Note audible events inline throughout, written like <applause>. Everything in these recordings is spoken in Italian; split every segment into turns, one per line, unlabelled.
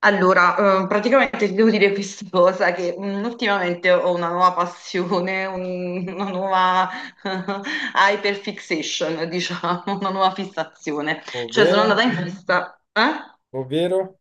Allora, praticamente ti devo dire questa <laughs> cosa, che ultimamente ho una nuova passione, una nuova <laughs> hyperfixation, diciamo, una nuova fissazione. Cioè, sono
Ovvero?
andata in festa, eh?
Ovvero?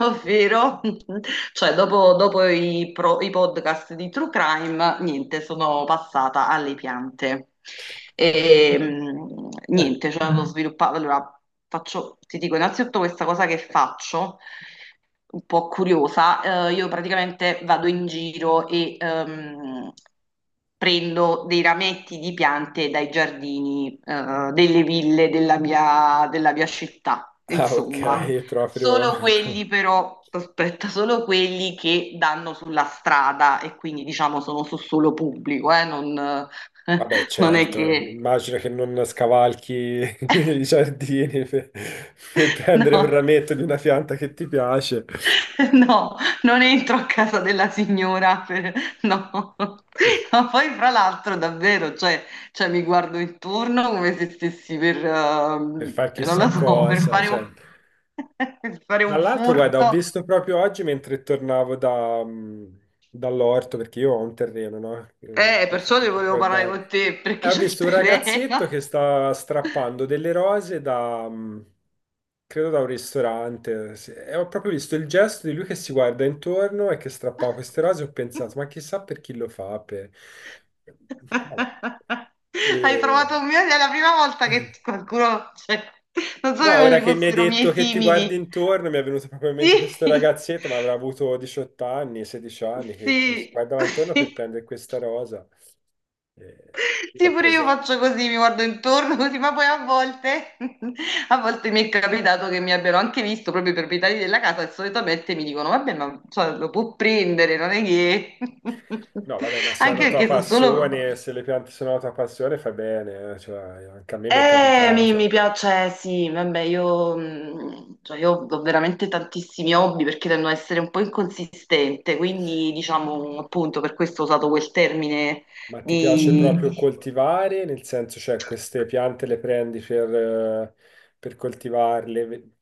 Ovvero, <laughs> cioè, dopo i podcast di True Crime, niente, sono passata alle piante. E,
Eh,
niente, cioè, ho sviluppato. Allora, faccio, ti dico innanzitutto questa cosa che faccio, un po' curiosa. Io praticamente vado in giro e prendo dei rametti di piante dai giardini, delle ville della mia città,
Ah, ok,
insomma. Ah,
proprio...
solo quelli
<laughs>
però, aspetta, solo quelli che danno sulla strada e quindi diciamo sono su solo pubblico, non,
Vabbè,
<laughs> non è
certo,
che.
immagino che non scavalchi <laughs> i giardini per prendere un
No.
rametto di una pianta che ti piace,
<laughs> No, non entro a casa della signora, no. <laughs> Ma poi fra l'altro davvero, cioè, mi guardo intorno come se stessi per,
per far
non lo
chissà
so,
cosa. Cioè.
<laughs> per fare
Tra
un
l'altro, guarda, ho
furto.
visto proprio oggi mentre tornavo dall'orto, perché io ho un terreno, no? Non so se
Perciò
tu
ne volevo parlare
ricordavi.
con te
E
perché
ho
c'è il
visto un ragazzetto che
terreno.
sta strappando delle rose credo da un ristorante, sì. E ho proprio visto il gesto di lui che si guarda intorno e che strappava queste rose, ho pensato, ma chissà per chi lo fa, per... Vabbè.
<laughs> Hai trovato
E-
un mio, è la prima volta che qualcuno, cioè, non
No,
sapevo
ora
ci
che mi hai
fossero miei
detto che ti guardi
simili.
intorno, mi è venuto proprio in mente questo
Sì,
ragazzetto, ma avrà avuto 18 anni, 16 anni, che si
sì,
guardava intorno per
sì.
prendere questa rosa. E io
Sì,
l'ho
pure io
preso.
faccio così, mi guardo intorno così, ma poi a volte, <laughs> a volte mi è capitato che mi abbiano anche visto proprio i proprietari della casa e solitamente mi dicono, vabbè, ma cioè, lo può prendere, non è che. <laughs>
No, vabbè, ma se è una
Anche
tua
perché sono solo.
passione, se le piante sono una tua passione, fai bene, cioè, anche a me mi è
Mi
capitato.
piace, cioè, sì, vabbè, cioè, io ho veramente tantissimi hobby perché tendo ad essere un po' inconsistente, quindi diciamo appunto per questo ho usato quel termine
Ma ti piace
di,
proprio coltivare, nel senso, cioè, queste piante le prendi per coltivarle?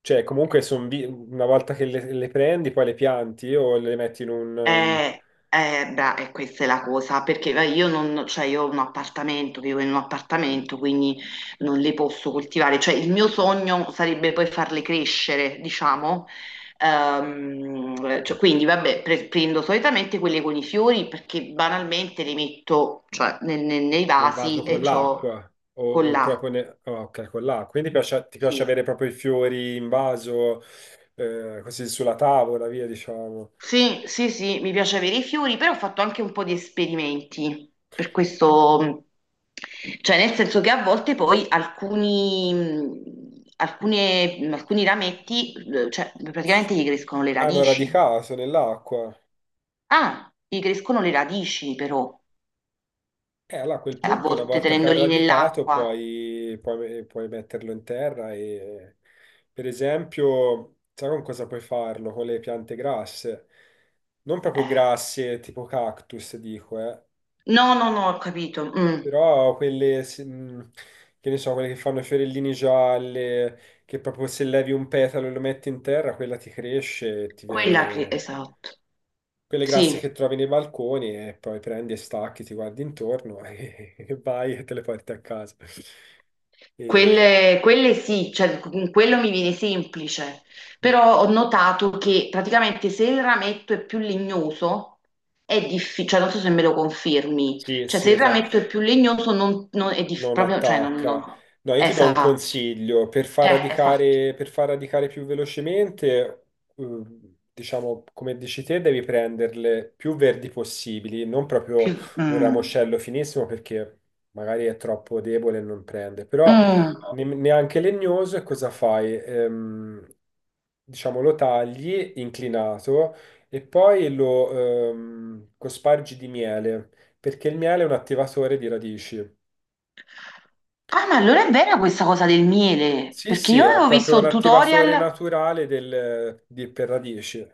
Cioè, comunque, una volta che le prendi, poi le pianti o le metti in un...
E questa è la cosa, perché io non, cioè io ho un appartamento, vivo in un appartamento, quindi non le posso coltivare. Cioè, il mio sogno sarebbe poi farle crescere, diciamo. Cioè,
ehm,
quindi, vabbè, prendo solitamente quelle con i fiori perché banalmente le metto, cioè, nei
Nel vaso
vasi
con
e c'ho
l'acqua o,
con
o proprio
l'acqua.
oh, ok, con l'acqua. Quindi ti piace
Sì.
avere proprio i fiori in vaso, così sulla tavola, via, diciamo.
Sì, sì, sì, mi piace avere i fiori, però ho fatto anche un po' di esperimenti, per questo, cioè nel senso che a volte poi alcuni rametti, cioè
S-
praticamente gli crescono le
Hanno
radici.
radicato nell'acqua.
Ah, gli crescono le radici però,
E allora a quel
a
punto, una
volte
volta che ha
tenendoli
radicato,
nell'acqua.
puoi metterlo in terra e, per esempio, sai con cosa puoi farlo? Con le piante grasse. Non proprio
Eh.
grasse, tipo cactus, dico, eh.
No, no, no, ho capito.
Però quelle, che ne so, quelle che fanno i fiorellini gialle, che proprio se levi un petalo e lo metti in terra, quella ti cresce e ti
Quella che,
viene...
esatto,
Quelle
sì.
grasse che trovi nei balconi e poi prendi e stacchi, ti guardi intorno e, <laughs> e vai e te le porti a casa. E-
Quelle sì, cioè con quello mi viene semplice,
mm,
però ho notato che praticamente se il rametto è più legnoso è difficile, cioè non so se me lo confermi,
Sì,
cioè
sì,
se il
esatto.
rametto è più legnoso non è
Non
proprio, cioè
attacca. No, io ti do un
esatto,
consiglio
esatto,
per far radicare più velocemente, eh, diciamo, come dici te, devi prenderle più verdi possibili, non
più.
proprio un
mm.
ramoscello finissimo perché magari è troppo debole e non prende, però
Mm.
neanche legnoso. E cosa fai? Diciamo, lo tagli inclinato e poi lo cospargi di miele, perché il miele è un attivatore di radici.
Ah, ma allora è vera questa cosa del miele,
Sì,
perché
sì,
io
è
avevo
proprio
visto
un
un
attivatore
tutorial.
naturale del, di, per radici.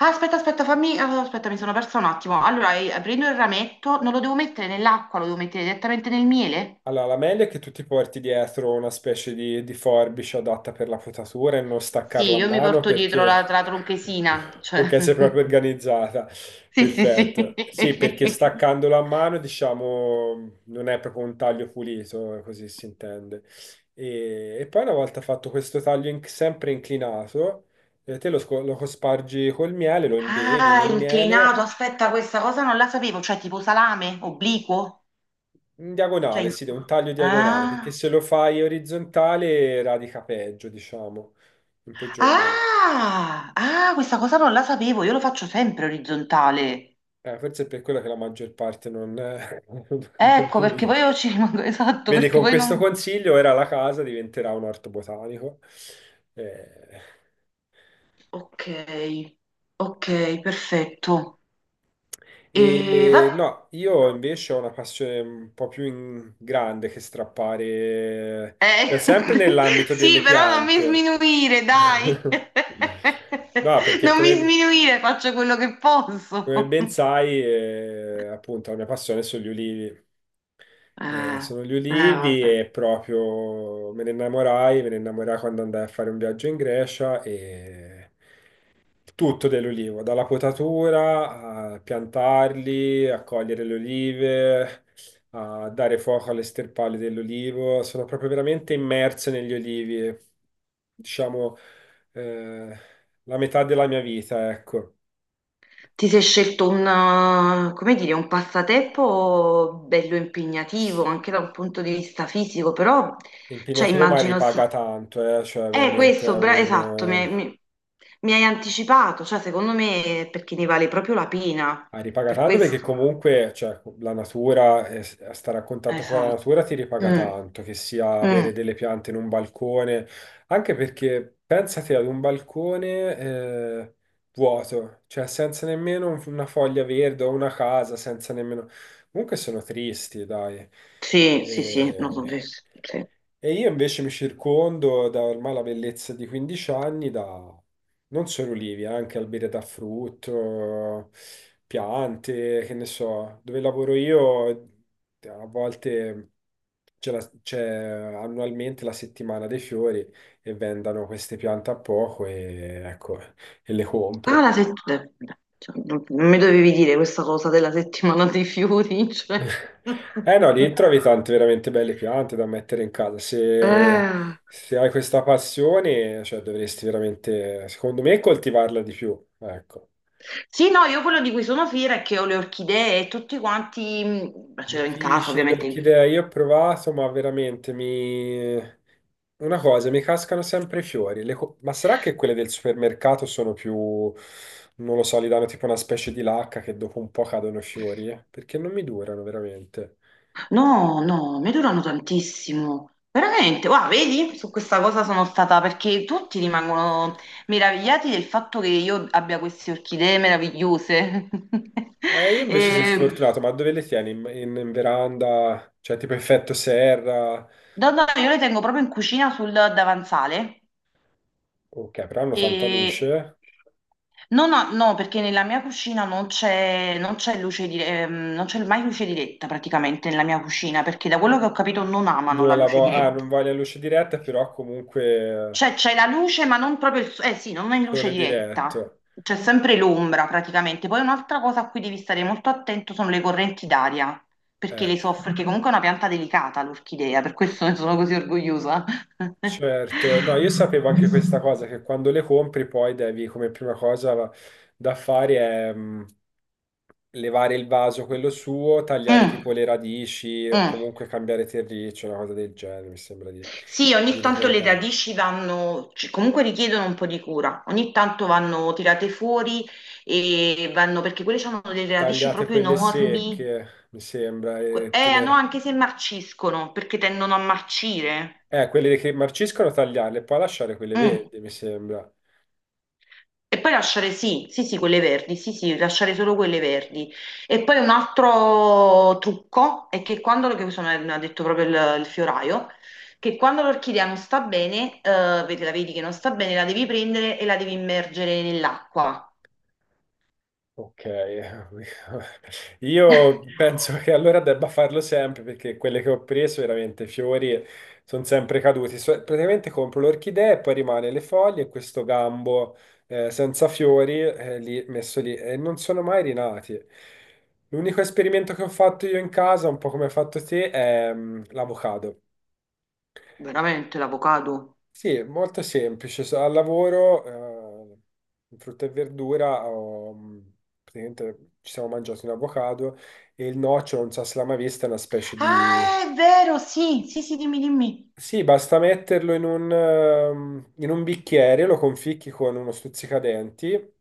Ah, aspetta, aspetta, fammi. Aspetta, mi sono persa un attimo. Allora, prendo il rametto, non lo devo mettere nell'acqua, lo devo mettere direttamente nel miele?
Allora, la meglio è che tu ti porti dietro una specie di forbice adatta per la potatura e non
Sì,
staccarla a
io mi
mano
porto dietro la,
perché...
la tronchesina,
<laughs>
cioè.
Ok, sei proprio
<laughs>
organizzata.
Sì, sì, sì.
Perfetto. Sì, perché staccandola a mano, diciamo, non è proprio un taglio pulito, così si intende. E poi una volta fatto questo taglio sempre inclinato, lo cospargi col miele, lo
<laughs>
imbevi
Ah,
nel miele.
inclinato, aspetta, questa cosa non la sapevo, cioè tipo salame, obliquo,
In
cioè,
diagonale, sì, un taglio diagonale, perché
ah,
se lo fai orizzontale radica peggio, diciamo, in peggior modo.
ah, ah, questa cosa non la sapevo, io lo faccio sempre orizzontale.
Forse è per quello che la maggior parte non, <laughs> non
Ecco,
ti
perché
dice.
poi io ci rimango, <laughs> esatto,
Vedi,
perché
con
poi
questo
non.
consiglio era la casa diventerà un orto botanico. Eh,
Ok, ok, perfetto. E va,
E no, io invece ho una passione un po' più grande che strappare,
eh,
cioè sempre nell'ambito
<laughs> sì,
delle
però non mi
piante.
sminuire, dai. <laughs>
<laughs> No, perché
Non mi
come,
sminuire, faccio quello che posso.
Come ben
<laughs>
sai, appunto, la mia passione sono gli ulivi.
Eh,
Sono gli ulivi
vabbè.
e proprio me ne innamorai quando andai a fare un viaggio in Grecia e tutto dell'ulivo, dalla potatura a piantarli, a cogliere le olive, a dare fuoco alle sterpali dell'olivo. Sono proprio veramente immerso negli olivi, e, diciamo, eh, la metà della mia vita, ecco.
Ti sei scelto un, come dire, un passatempo bello impegnativo anche da un punto di vista fisico, però cioè,
Impegnativo, ma
immagino sì.
ripaga tanto, cioè, veramente è
Questo,
un...
esatto, mi,
eh,
mi- mi hai anticipato, cioè secondo me è perché ne vale proprio la pena,
Ripaga
per
tanto perché
questo.
comunque, cioè, la natura, stare a contatto con la
Esatto.
natura ti ripaga
Mm,
tanto, che sia avere
mm.
delle piante in un balcone, anche perché pensate ad un balcone, vuoto, cioè senza nemmeno una foglia verde o una casa, senza nemmeno... Comunque sono tristi, dai.
Sì, sì, sì, no, sono
E...
felice, sì.
E io invece mi circondo da ormai la bellezza di 15 anni da non solo olivi, anche alberi da frutto, piante, che ne so. Dove lavoro io, a volte c'è annualmente la settimana dei fiori e vendano queste piante a poco e, ecco, e le
Ah,
compro.
la settimana, non mi dovevi dire questa cosa della settimana dei fiori, cioè.
Eh no,
<laughs>
lì trovi tante veramente belle piante da mettere in casa. Se,
Eh.
se hai questa passione, cioè, dovresti veramente, secondo me, coltivarla di più. Ecco.
Sì, no, io quello di cui sono fiera è che ho le orchidee e tutti quanti, ce l'ho in casa
Difficile,
ovviamente.
l'orchidea, io ho provato, ma veramente mi... Una cosa, mi cascano sempre i fiori. Ma sarà che quelle del supermercato sono più, non lo so, gli danno tipo una specie di lacca che dopo un po' cadono i fiori? Eh? Perché non mi durano veramente.
No, no, mi durano tantissimo. Veramente, guarda, vedi? Su questa cosa sono stata perché tutti rimangono meravigliati del fatto che io abbia queste orchidee meravigliose. <laughs>
Io
Mm.
invece sono
E,
sfortunato, ma dove le tieni? In veranda? Cioè tipo effetto serra?
no, no, io le tengo proprio in cucina sul davanzale
Ok, però hanno tanta
e
luce.
no, no, no, perché nella mia cucina non c'è mai luce diretta praticamente nella mia cucina, perché da quello che ho capito non amano la
Non la
luce
vo- ah,
diretta.
Non voglio luce diretta, però comunque
Cioè, c'è la luce, ma non proprio il. Eh sì, non è in luce
sole
diretta.
diretto.
C'è sempre l'ombra praticamente. Poi un'altra cosa a cui devi stare molto attento sono le correnti d'aria, perché
Eh.
le soffre, perché comunque è una pianta delicata l'orchidea, per questo ne sono così orgogliosa.
Certo, no, io sapevo anche questa
<laughs>
cosa, che quando le compri poi devi, come prima cosa da fare è levare il vaso, quello suo, tagliare tipo
Mm,
le radici o
mm.
comunque cambiare terriccio, una cosa del genere, mi sembra di,
Sì, ogni
di
tanto le
ricordare.
radici vanno, comunque richiedono un po' di cura, ogni tanto vanno tirate fuori e vanno, perché quelle hanno delle radici
Tagliate
proprio
quelle
enormi.
secche, mi sembra, e
No,
tenere...
anche se marciscono, perché tendono a marcire.
Quelle che marciscono tagliarle, poi lasciare quelle
Mm.
verdi, mi sembra.
E poi lasciare, sì, sì, sì, quelle verdi, sì, sì, lasciare solo quelle verdi. E poi un altro trucco è che quando, che questo me l'ha detto proprio il fioraio, che quando l'orchidea non sta bene, vedi, la vedi che non sta bene, la devi prendere e la devi immergere nell'acqua.
Ok, <laughs> io penso che
<laughs>
allora debba farlo sempre perché quelle che ho preso veramente fiori sono sempre caduti. Praticamente compro l'orchidea e poi rimane le foglie e questo gambo senza fiori messo lì e non sono mai rinati. L'unico esperimento che ho fatto io in casa, un po' come hai fatto te, è l'avocado.
Veramente, l'avocado.
Sì, è molto semplice. Al lavoro, eh, in frutta e verdura, praticamente ci siamo mangiati un avocado e il nocciolo, non so se l'ha mai vista, è una specie di...
Ah, è vero, sì, sì, sì, dimmi, dimmi.
Sì, basta metterlo in un bicchiere, lo conficchi con uno stuzzicadenti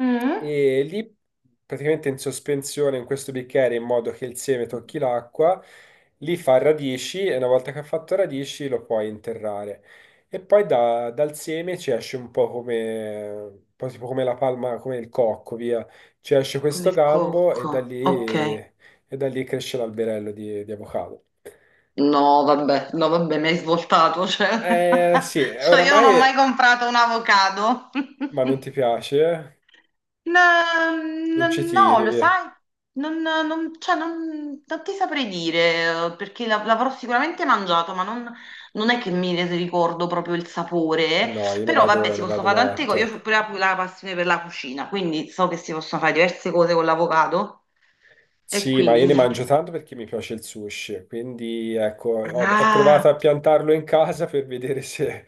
Mm?
e lì praticamente in sospensione in questo bicchiere in modo che il seme tocchi l'acqua, lì fa radici e una volta che ha fatto radici lo puoi interrare. E poi dal seme ci esce un po' come, un po' tipo come la palma, come il cocco, via. Ci esce
Come
questo
il
gambo e da lì,
cocco, ok.
e da lì cresce l'alberello di avocado.
No, vabbè, no, vabbè, mi hai svoltato, cioè,
Eh sì,
<laughs> cioè io non ho mai
oramai,
comprato un avocado. <laughs>
ma non ti piace?
No, no,
Non ci
no,
tiri,
lo
via.
sai, cioè, non ti saprei dire, perché l'avrò sicuramente mangiato, ma non è che mi ne ricordo proprio il sapore,
No, io
però vabbè, si
ne
possono
vado
fare tante cose,
matto.
io ho pure la passione per la cucina, quindi so che si possono fare diverse cose con l'avocado, e
Sì, ma
quindi
io ne
niente.
mangio tanto perché mi piace il sushi, quindi ecco, ho
Ah!
provato a piantarlo in casa per vedere <laughs> se,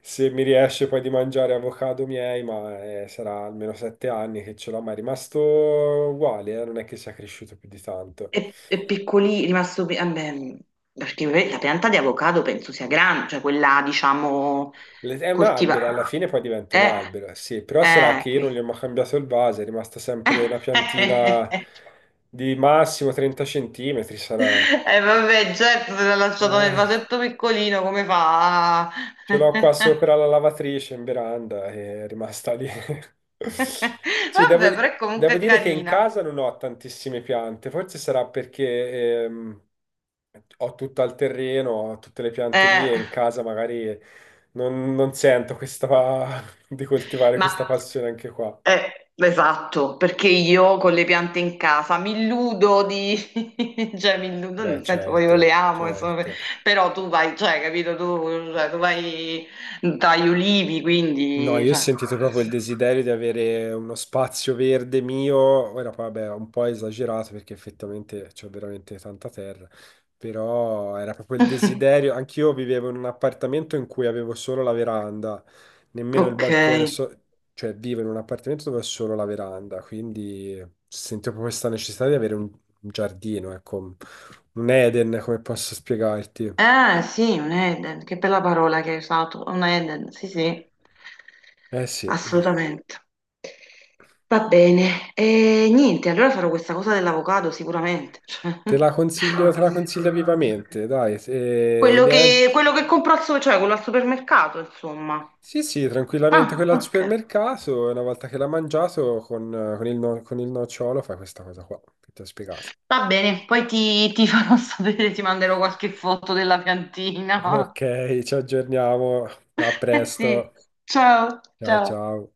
se mi riesce poi di mangiare avocado miei, ma sarà almeno 7 anni che ce l'ho, ma è rimasto uguale, non è che sia cresciuto più di tanto.
È rimasto, vabbè, perché la pianta di avocado penso sia grande, cioè quella, diciamo,
È un albero, alla
coltivata.
fine poi diventa un
Eh,
albero, sì, però sarà che io non
qui.
gli ho mai cambiato il vaso, è rimasta sempre una piantina
<laughs>
di massimo 30 centimetri, sarà...
Vabbè, certo, se l'ha lasciato nel
Eh,
vasetto piccolino, come fa?
Ce l'ho qua
<laughs>
sopra la lavatrice in veranda e è rimasta lì. <laughs> Sì, devo,
Vabbè, però è
devo
comunque
dire che in
carina.
casa non ho tantissime piante, forse sarà perché ho tutto al terreno, ho tutte le piante lì
Eh,
e in casa magari non sento questa, <laughs> di coltivare questa
ma.
passione anche qua.
Esatto, perché io con le piante in casa mi illudo di, <laughs> cioè mi illudo,
Beh,
nel senso poi io le
certo,
amo, insomma,
certo.
però tu vai, cioè, capito, tu, cioè, tu vai dagli ulivi,
No,
quindi.
io ho
Cioè.
sentito proprio il desiderio di avere uno spazio verde mio. Ora, poi, vabbè, ho un po' esagerato perché effettivamente c'ho veramente tanta terra, però era proprio il
<laughs>
desiderio. Anch'io vivevo in un appartamento in cui avevo solo la veranda, nemmeno il
Ok.
balcone, cioè vivo in un appartamento dove ho solo la veranda, quindi sento proprio questa necessità di avere un giardino, ecco, un Eden, come posso spiegarti?
Ah, sì, un Eden, che bella parola che hai usato, un Eden, sì, sì,
Eh sì.
assolutamente. Va bene, e niente, allora farò questa cosa dell'avocado sicuramente. <laughs> Cioè.
Te la consiglio vivamente, dai,
quello che,
niente.
quello che compro cioè, quello al supermercato, insomma.
Sì, sì, tranquillamente
Ah,
quella al
ok.
supermercato, e una volta che l'ha mangiato con il no- con il nocciolo fai questa cosa qua, che ti ho spiegato.
Va bene, poi ti farò <laughs> sapere, ti manderò qualche foto della piantina. <laughs>
Ok, ci aggiorniamo, a
Eh sì,
presto,
ciao,
ciao
ciao.
ciao.